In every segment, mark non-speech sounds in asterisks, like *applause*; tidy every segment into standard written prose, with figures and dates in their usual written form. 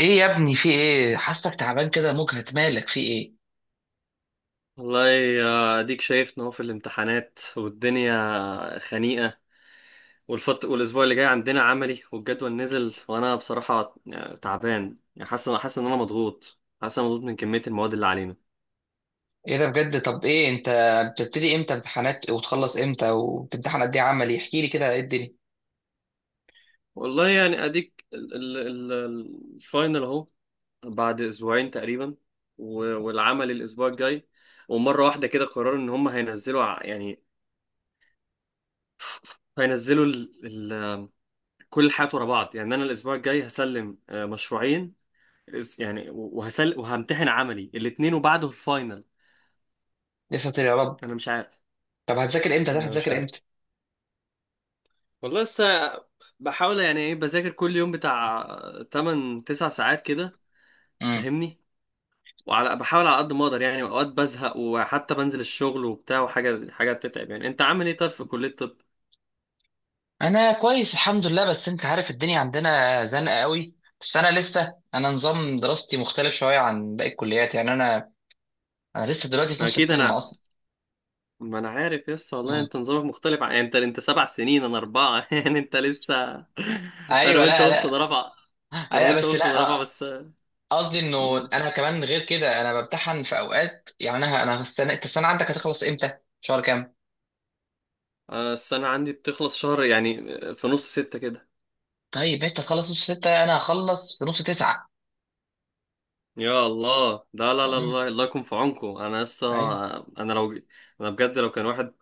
ايه يا ابني، في ايه؟ حاسك تعبان كده، مجهد، مالك؟ في ايه؟ والله اديك شايف ان هو في الامتحانات والدنيا خنيقة. والفط والاسبوع اللي جاي عندنا عملي والجدول نزل، وانا بصراحة يعني تعبان، يعني حاسس ان انا مضغوط، حاسس إن انا مضغوط من كمية المواد اللي علينا. ايه ده بجد؟ طب ايه انت بتبتدي امتى امتحانات وتخلص امتى وبتمتحن قد ايه عملي؟ احكي لي كده ايه الدنيا. والله يعني اديك الفاينل اهو، بعد اسبوعين تقريبا، والعمل الاسبوع الجاي. ومرة واحدة كده قرروا ان هم هينزلوا يعني هينزلوا ال- كل الحاجات ورا بعض. يعني انا الاسبوع الجاي هسلم مشروعين، يعني وهمتحن عملي الاتنين، وبعده الفاينل. لسه يا رب. انا مش عارف طب هتذاكر امتى؟ ده انا مش هتذاكر عارف، امتى والله لسه بحاول. يعني ايه، بذاكر كل يوم بتاع 8 9 ساعات كده، امم فاهمني؟ بحاول على قد ما اقدر، يعني اوقات بزهق وحتى بنزل الشغل وبتاع، وحاجه حاجه بتتعب. يعني انت عامل ايه طيب في كليه الطب؟ انا كويس الحمد لله، بس انت عارف الدنيا عندنا زنقه قوي. بس انا لسه، انا نظام دراستي مختلف شويه عن باقي الكليات، يعني انا لسه دلوقتي في ما نص اكيد الترم انا اصلا. ما انا عارف لسه والله، امم انت نظامك مختلف عن... يعني انت 7 سنين انا اربعه *laughs* يعني انت لسه. انا ايوه، وانت لا وابصد لا رابعه انا أيوة وانت بس وابصد رابعه لا. بس. قصدي انه مم. انا كمان غير كده انا بمتحن في اوقات، يعني انا السنه، انت السنه عندك هتخلص امتى، شهر كام؟ أنا السنة عندي بتخلص شهر يعني، في نص ستة كده. طيب انت تخلص نص ستة، انا هخلص في نص تسعة. يا الله، ده لا لا أمم، لا، الله يكون في عونكم، أنا لسه. أيوة. أنا لو أنا بجد لو كان واحد.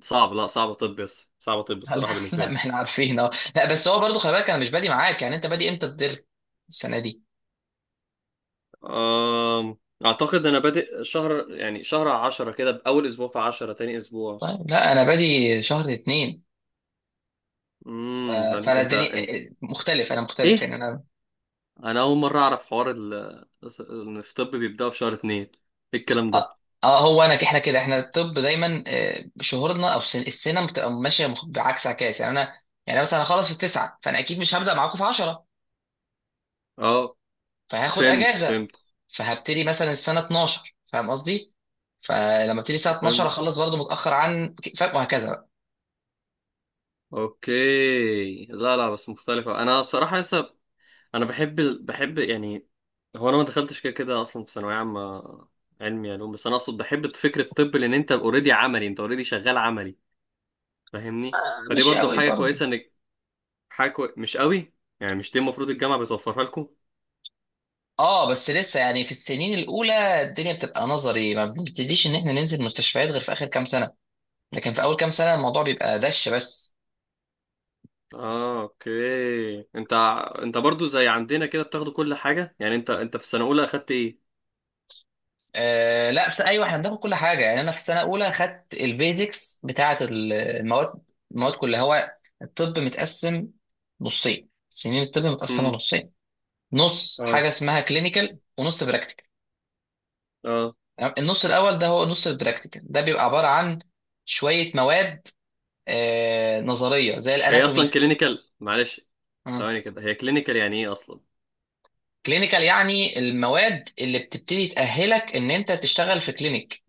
صعب، لا صعب، طب بس صعب، طب *laughs* لا، الصراحة بالنسبة لا ما لي. احنا عارفين اه. لا بس هو برضو خلي بالك انا مش بادي معاك، يعني انت بادي امتى الدر السنه دي؟ أم... أعتقد أنا بادئ شهر، يعني شهر 10 كده، بأول أسبوع في عشرة، تاني أسبوع. طيب لا انا بادي شهر اتنين. ف- امم. فانا أنت الدنيا أنت مختلف، انا مختلف إيه، يعني انا. أنا أول مرة أعرف حوار ال... إن في طب بيبدأوا في شهر 2. إيه الكلام ده؟ اه، هو انا احنا كده احنا الطب دايما، شهورنا او السنه بتبقى ماشيه بعكس عكاس يعني انا. يعني مثلا هخلص في التسعه فانا اكيد مش هبدا معاكم في 10، أه، فهاخد فهمت اجازه، فهمت فهبتدي مثلا السنه 12، فاهم قصدي؟ فلما ابتدي الساعه 12 فهمت. اخلص برضه متاخر، عن فاهم وهكذا بقى. اوكي، لا لا، بس مختلفة. انا بصراحة لسه، انا بحب، يعني هو انا ما دخلتش كده كده اصلا في ثانوية عامة علمي علوم. بس انا اقصد بحب فكرة الطب، لان انت اوريدي عملي، انت اوريدي شغال عملي، فاهمني؟ فدي مش برضو قوي حاجة برضه. كويسة انك... مش قوي. يعني مش دي المفروض الجامعة بتوفرها لكم؟ اه بس لسه يعني في السنين الاولى الدنيا بتبقى نظري، ما بنبتديش ان احنا ننزل مستشفيات غير في اخر كام سنه، لكن في اول كام سنه الموضوع بيبقى دش بس. اه اوكي. انت برضو زي عندنا كده بتاخدوا كل حاجة. يعني انت في سنة اولى اخدت ايه؟ آه لا، بس ايوه احنا بناخد كل حاجه، يعني انا في سنه اولى خدت البيزكس بتاعه المواد. المواد كلها، هو الطب متقسم نصين سنين، الطب متقسمه امم، نصين. نص اه، حاجه اسمها كلينيكال ونص براكتيكال. اه. النص الاول ده هو نص البراكتيكال، ده بيبقى عباره عن شويه مواد آه نظريه زي هي الاناتومي. اصلا كلينيكال، معلش، آه. ثواني كده، هي كلينيكال يعني ايه اصلا؟ كلينيكال يعني المواد اللي بتبتدي تاهلك ان انت تشتغل في كلينيك،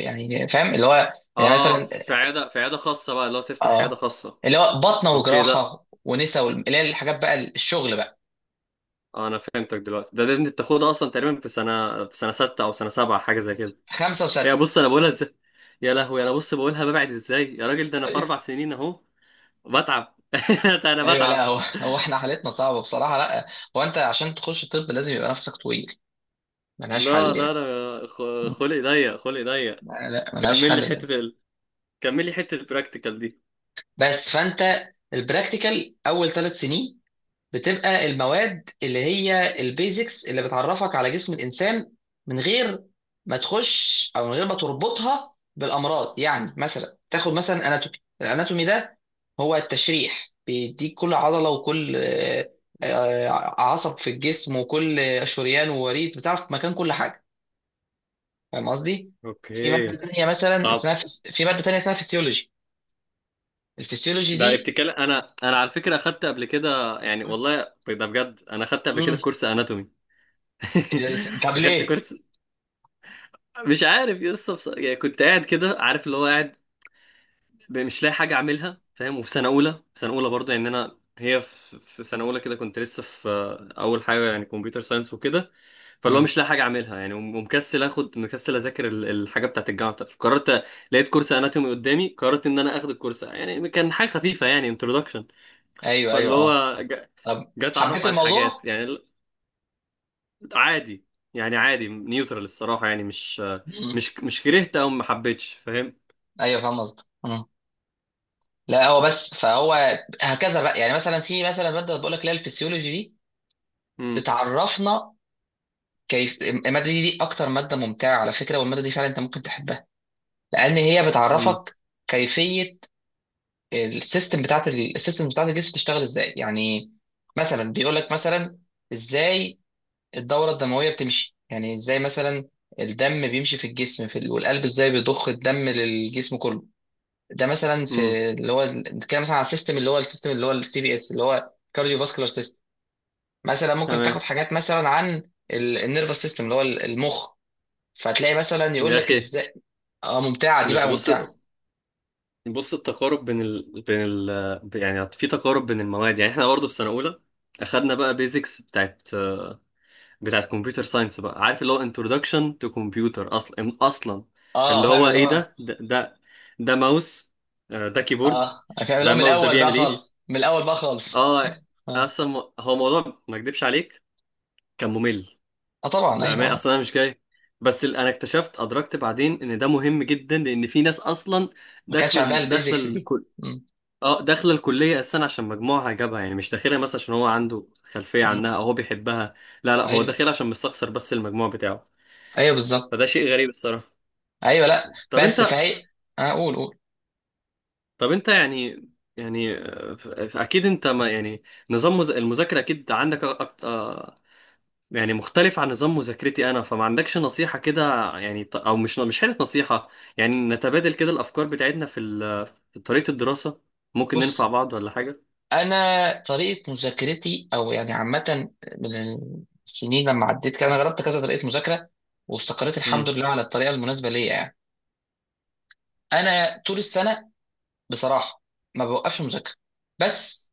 يعني فاهم اللي هو يعني اه، في مثلا. في عياده في عياده خاصه بقى، اللي هو تفتح عياده اه، خاصه. اللي هو بطنه اوكي ده، وجراحه ونسا وال- اللي هي الحاجات بقى الشغل بقى. آه انا فهمتك دلوقتي. ده انت بتاخدها اصلا تقريبا في سنه سته او سنه سبعه، حاجه زي كده. خمسه يا وسته. بص انا بقولها ازاي، يا لهوي انا آه. بص بقولها ببعد ازاي يا راجل، ده انا في ايوه 4 سنين اهو بتعب *laughs* ده انا ايوه. لا بتعب. هو *laughs* هو احنا حالتنا صعبه بصراحه. لا هو انت عشان تخش طب لازم يبقى نفسك طويل، ملهاش لا حل لا، يعني. م. خلقي ضيق، خلقي ضيق. لا ملهاش كمل لي حل ده. حته ال... كمل لي حته البراكتيكال دي. بس فانت البراكتيكال اول ثلاث سنين بتبقى المواد اللي هي البيزكس، اللي بتعرفك على جسم الانسان من غير ما تخش، او من غير ما تربطها بالامراض. يعني مثلا تاخد مثلا اناتومي، الاناتومي ده هو التشريح، بيديك كل عضله وكل عصب في الجسم وكل شريان ووريد، بتعرف مكان كل حاجه، فاهم قصدي؟ في ماده اوكي. تانية مثلا صعب، اسمها في ماده تانية اسمها فيسيولوجي. الفيسيولوجي ده دي. ابتكال. انا على فكره اخدت قبل كده، يعني والله ده بجد، انا اخدت قبل كده مم. كورس اناتومي طب *laughs* اخدت ليه؟ كورس. مش عارف يا اسطى، بص... يعني كنت قاعد كده، عارف اللي هو قاعد، مش لاقي حاجه اعملها، فاهم؟ وفي سنه اولى، برضه، يعني انا هي في في سنه اولى كده كنت لسه في اول حاجه، يعني كمبيوتر ساينس وكده. فاللي هو مم. مش لاقي حاجه اعملها يعني، ومكسل اخد، مكسل اذاكر الحاجه بتاعت الجامعه بتاعتي، فقررت. لقيت كورس اناتومي قدامي، قررت ان انا اخد الكورس. يعني كان حاجه خفيفه، يعني انترودكشن. ايوه فاللي ايوه اه. هو طب جاي اتعرف حبيت عن حاجات، الموضوع؟ يعني عادي، يعني عادي نيوترال الصراحه، يعني مش مم. مش مش كرهت او ما حبيتش، فاهم؟ ايوه فاهم قصدك. مم. لا هو بس فهو هكذا بقى. يعني مثلا في مثلا ماده بقول لك اللي هي الفسيولوجي دي، امم، بتعرفنا كيف الماده دي، دي اكتر ماده ممتعه على فكره، والماده دي فعلا انت ممكن تحبها، لان هي امم، بتعرفك كيفيه السيستم بتاعت السيستم بتاعت الجسم بتشتغل ازاي. يعني مثلا بيقول لك مثلا ازاي الدوره الدمويه بتمشي، يعني ازاي مثلا الدم بيمشي في الجسم في والقلب ازاي بيضخ الدم للجسم كله. ده مثلا امم، في اللي هو كده مثلا على السيستم اللي هو السيستم اللي هو السي بي اس اللي هو كارديو فاسكولار سيستم. مثلا ممكن تمام. تاخد حاجات مثلا عن النيرفس سيستم اللي هو المخ. فتلاقي مثلا يقول يا لك اخي، ازاي. اه ممتعه دي بقى بص ممتعه. بص، التقارب بين ال... بين ال... يعني في تقارب بين المواد. يعني احنا برضه في سنه اولى اخدنا بقى بيزكس بتاعت كمبيوتر ساينس، بقى عارف اللي هو انترودكشن تو كمبيوتر، اصلا اصلا اه اللي فاهم هو اللي ايه؟ هو. ده ماوس، ده كيبورد، اه فاهم اللي ده هو من الماوس ده الاول بقى بيعمل ايه؟ خالص، من الاول بقى خالص. اه. اه. اصلا هو موضوع ما اكدبش عليك، كان ممل آه طبعا للامانه. ايوه. اصلا انا مش جاي، بس انا اكتشفت، ادركت بعدين ان ده مهم جدا، لان في ناس اصلا ما كانش عندها داخله البيزكس دي. الكل. مم. اه، داخله الكليه اساسا عشان مجموعها جابها، يعني مش داخلها مثلا عشان هو عنده خلفيه مم. عنها او هو بيحبها. لا لا، هو ايوه داخلها عشان مستخسر بس المجموع بتاعه. ايوه بالظبط. فده شيء غريب الصراحه. ايوه لا طب بس انت فهي. آه قول قول. طب انت يعني، يعني اكيد انت، ما يعني، نظام المذاكره اكيد عندك أكتر، يعني مختلف عن نظام مذاكرتي انا، فما عندكش نصيحة كده؟ يعني او مش حاجة نصيحة، يعني نتبادل كده الافكار بتاعتنا في في طريقة الدراسة، ممكن ننفع بص، بعض ولا حاجة. انا طريقه مذاكرتي او يعني عامه من السنين، لما عديت كده انا جربت كذا طريقه مذاكره، واستقريت الحمد امم، لله على الطريقه المناسبه ليا يعني. انا طول السنه بصراحه ما بوقفش مذاكره، بس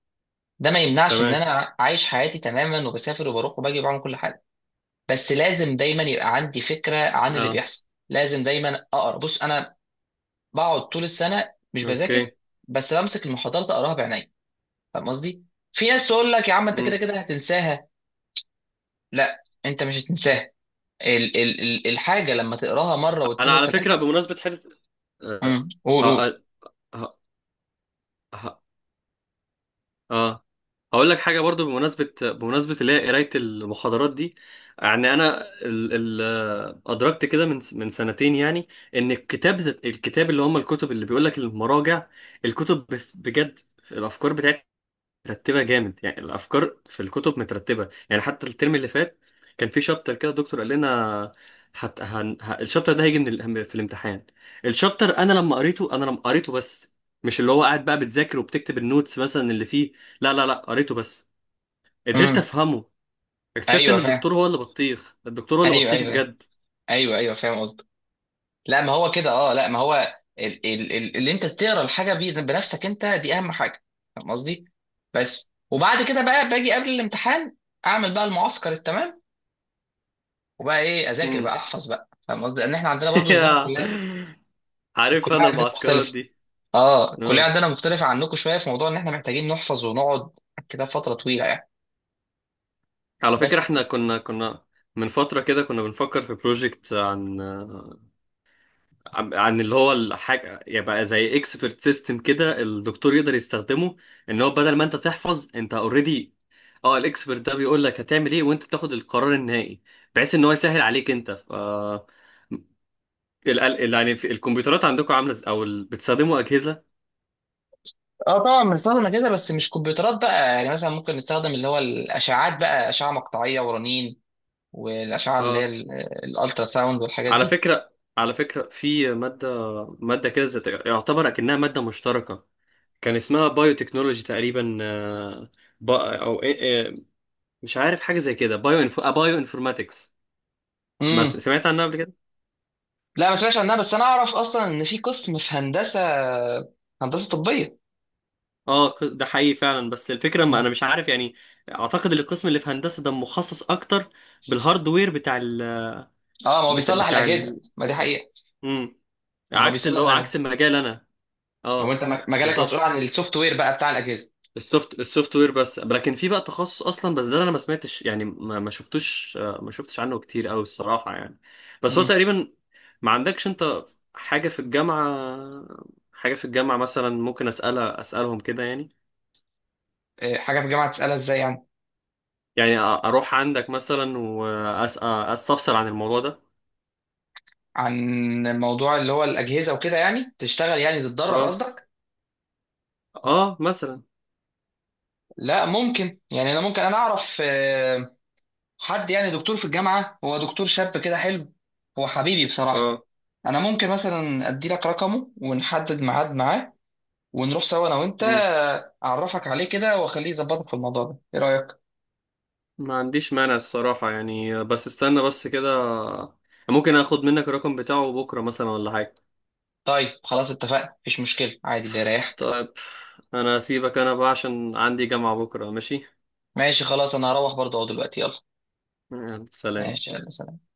ده ما يمنعش ان تمام، انا عايش حياتي تماما، وبسافر وبروح وباجي وبعمل كل حاجه. بس لازم دايما يبقى عندي فكره عن اللي اه، بيحصل، لازم دايما اقرا. بص انا بقعد طول السنه مش بذاكر، اوكي، بس بمسك المحاضرات اقراها بعيني، فاهم قصدي؟ في ناس تقول لك يا عم انت كده امم. كده هتنساها، لا انت مش هتنساها. ال الحاجه لما تقراها مره انا واثنين على فكرة وثلاثه. بمناسبة حتة، آه، قول قول. آه، آه، آه، اه. هقول لك حاجه برضو بمناسبه، اللي هي قرايه المحاضرات دي. يعني انا ال... ال... آه، ادركت كده من من سنتين يعني، ان الكتاب الكتاب اللي هم الكتب اللي بيقول لك المراجع، الكتب بجد، الافكار بتاعتها مرتبه جامد. يعني الافكار في الكتب مترتبه، يعني حتى الترم اللي فات كان في شابتر كده الدكتور قال لنا الشابتر ده هيجي من في الامتحان. الشابتر انا لما قريته، بس مش اللي هو قاعد بقى بتذاكر وبتكتب النوتس مثلا اللي فيه، لا لا لا، قريته بس، قدرت امم. افهمه. اكتشفت ايوه ان فاهم. الدكتور هو اللي بطيخ، ايوه ايوه. بجد. ايوه ايوه فاهم قصدك. لا ما هو كده اه، لا ما هو ال اللي انت تقرا الحاجه بنفسك انت، دي اهم حاجه، فاهم قصدي؟ بس وبعد كده بقى باجي قبل الامتحان اعمل بقى المعسكر التمام. وبقى ايه اذاكر مم. بقى احفظ بقى، فاهم قصدي؟ لان احنا عندنا برضو نظام *laughs* الكليه. عارف الكليه انا عندنا المعسكرات مختلف، دي. اه الكليه اه، عندنا مختلفه عنكم شويه في موضوع ان احنا محتاجين نحفظ ونقعد كده فتره طويله يعني. على فكره بس احنا كنا كنا من فتره كده كنا بنفكر في بروجكت عن اللي هو الحاجة، يبقى زي اكسبرت سيستم كده الدكتور يقدر يستخدمه، ان هو بدل ما انت تحفظ انت اوريدي، اه الاكسبرت ده بيقول لك هتعمل ايه وانت بتاخد القرار النهائي، بحيث ان هو يسهل عليك انت. ف يعني في الكمبيوترات عندكم عاملة او بتستخدموا اجهزة؟ اه طبعا بنستخدم كده بس مش كمبيوترات بقى، يعني مثلا ممكن نستخدم اللي هو الاشعاعات بقى، اشعه مقطعيه ورنين والاشعه اللي هي اه، الالترا ساوند والحاجات على دي. فكرة، على فكرة في مادة مادة كده يعتبر اكنها مادة مشتركة، كان اسمها بايو تكنولوجي تقريبا، إيه، مش عارف حاجة زي كده، بايو انفو، بايو انفورماتكس. ما س- امم. سمعت عنها قبل كده؟ لا ما سمعتش عنها، بس انا اعرف اصلا ان في قسم في هندسه هندسه طبيه. اه، ده حقيقي فعلا، بس الفكره، ما مم. انا مش عارف يعني، اعتقد ان القسم اللي في هندسه ده مخصص اكتر بالهاردوير بتاع ال... اه ما هو بيصلح بتاع الاجهزه، ال... ما دي حقيقه، مم. يعني هو عكس اللي بيصلح هو الاجهزه. عكس المجال انا. هو اه، انت مجالك مسؤول بالظبط. عن السوفت وير بقى بتاع الاجهزه. السوفت وير بس. لكن في بقى تخصص اصلا، بس ده انا ما سمعتش، يعني ما, ما شفتوش ما شفتش عنه كتير قوي الصراحه، يعني بس هو امم. تقريبا... ما عندكش انت حاجه في الجامعه، مثلا ممكن اسالها، اسالهم كده يعني؟ إيه، حاجه في الجامعه تسالها ازاي يعني؟ يعني اروح عندك مثلا واستفسر عن الموضوع ده. عن موضوع اللي هو الاجهزه وكده، يعني تشتغل يعني تتدرب اه، قصدك؟ اه مثلا، لا ممكن، يعني انا ممكن انا اعرف حد يعني دكتور في الجامعه، هو دكتور شاب كده حلو، هو حبيبي بصراحه. اه. انا ممكن مثلا ادي لك رقمه ونحدد ميعاد معاه، ونروح سوا انا وانت، مم. اعرفك عليه كده واخليه يظبطك في الموضوع ده، ايه رايك؟ ما عنديش مانع الصراحة، يعني بس استنى بس كده، ممكن اخد منك الرقم بتاعه بكرة مثلا ولا حاجة؟ طيب خلاص اتفقنا، مفيش مشكله عادي، اللي يريحك. طيب. انا اسيبك انا بقى عشان عندي جامعة بكرة، ماشي. ماشي خلاص انا هروح برضه اهو دلوقتي، يلا. يلا، سلام. ماشي يلا سلام.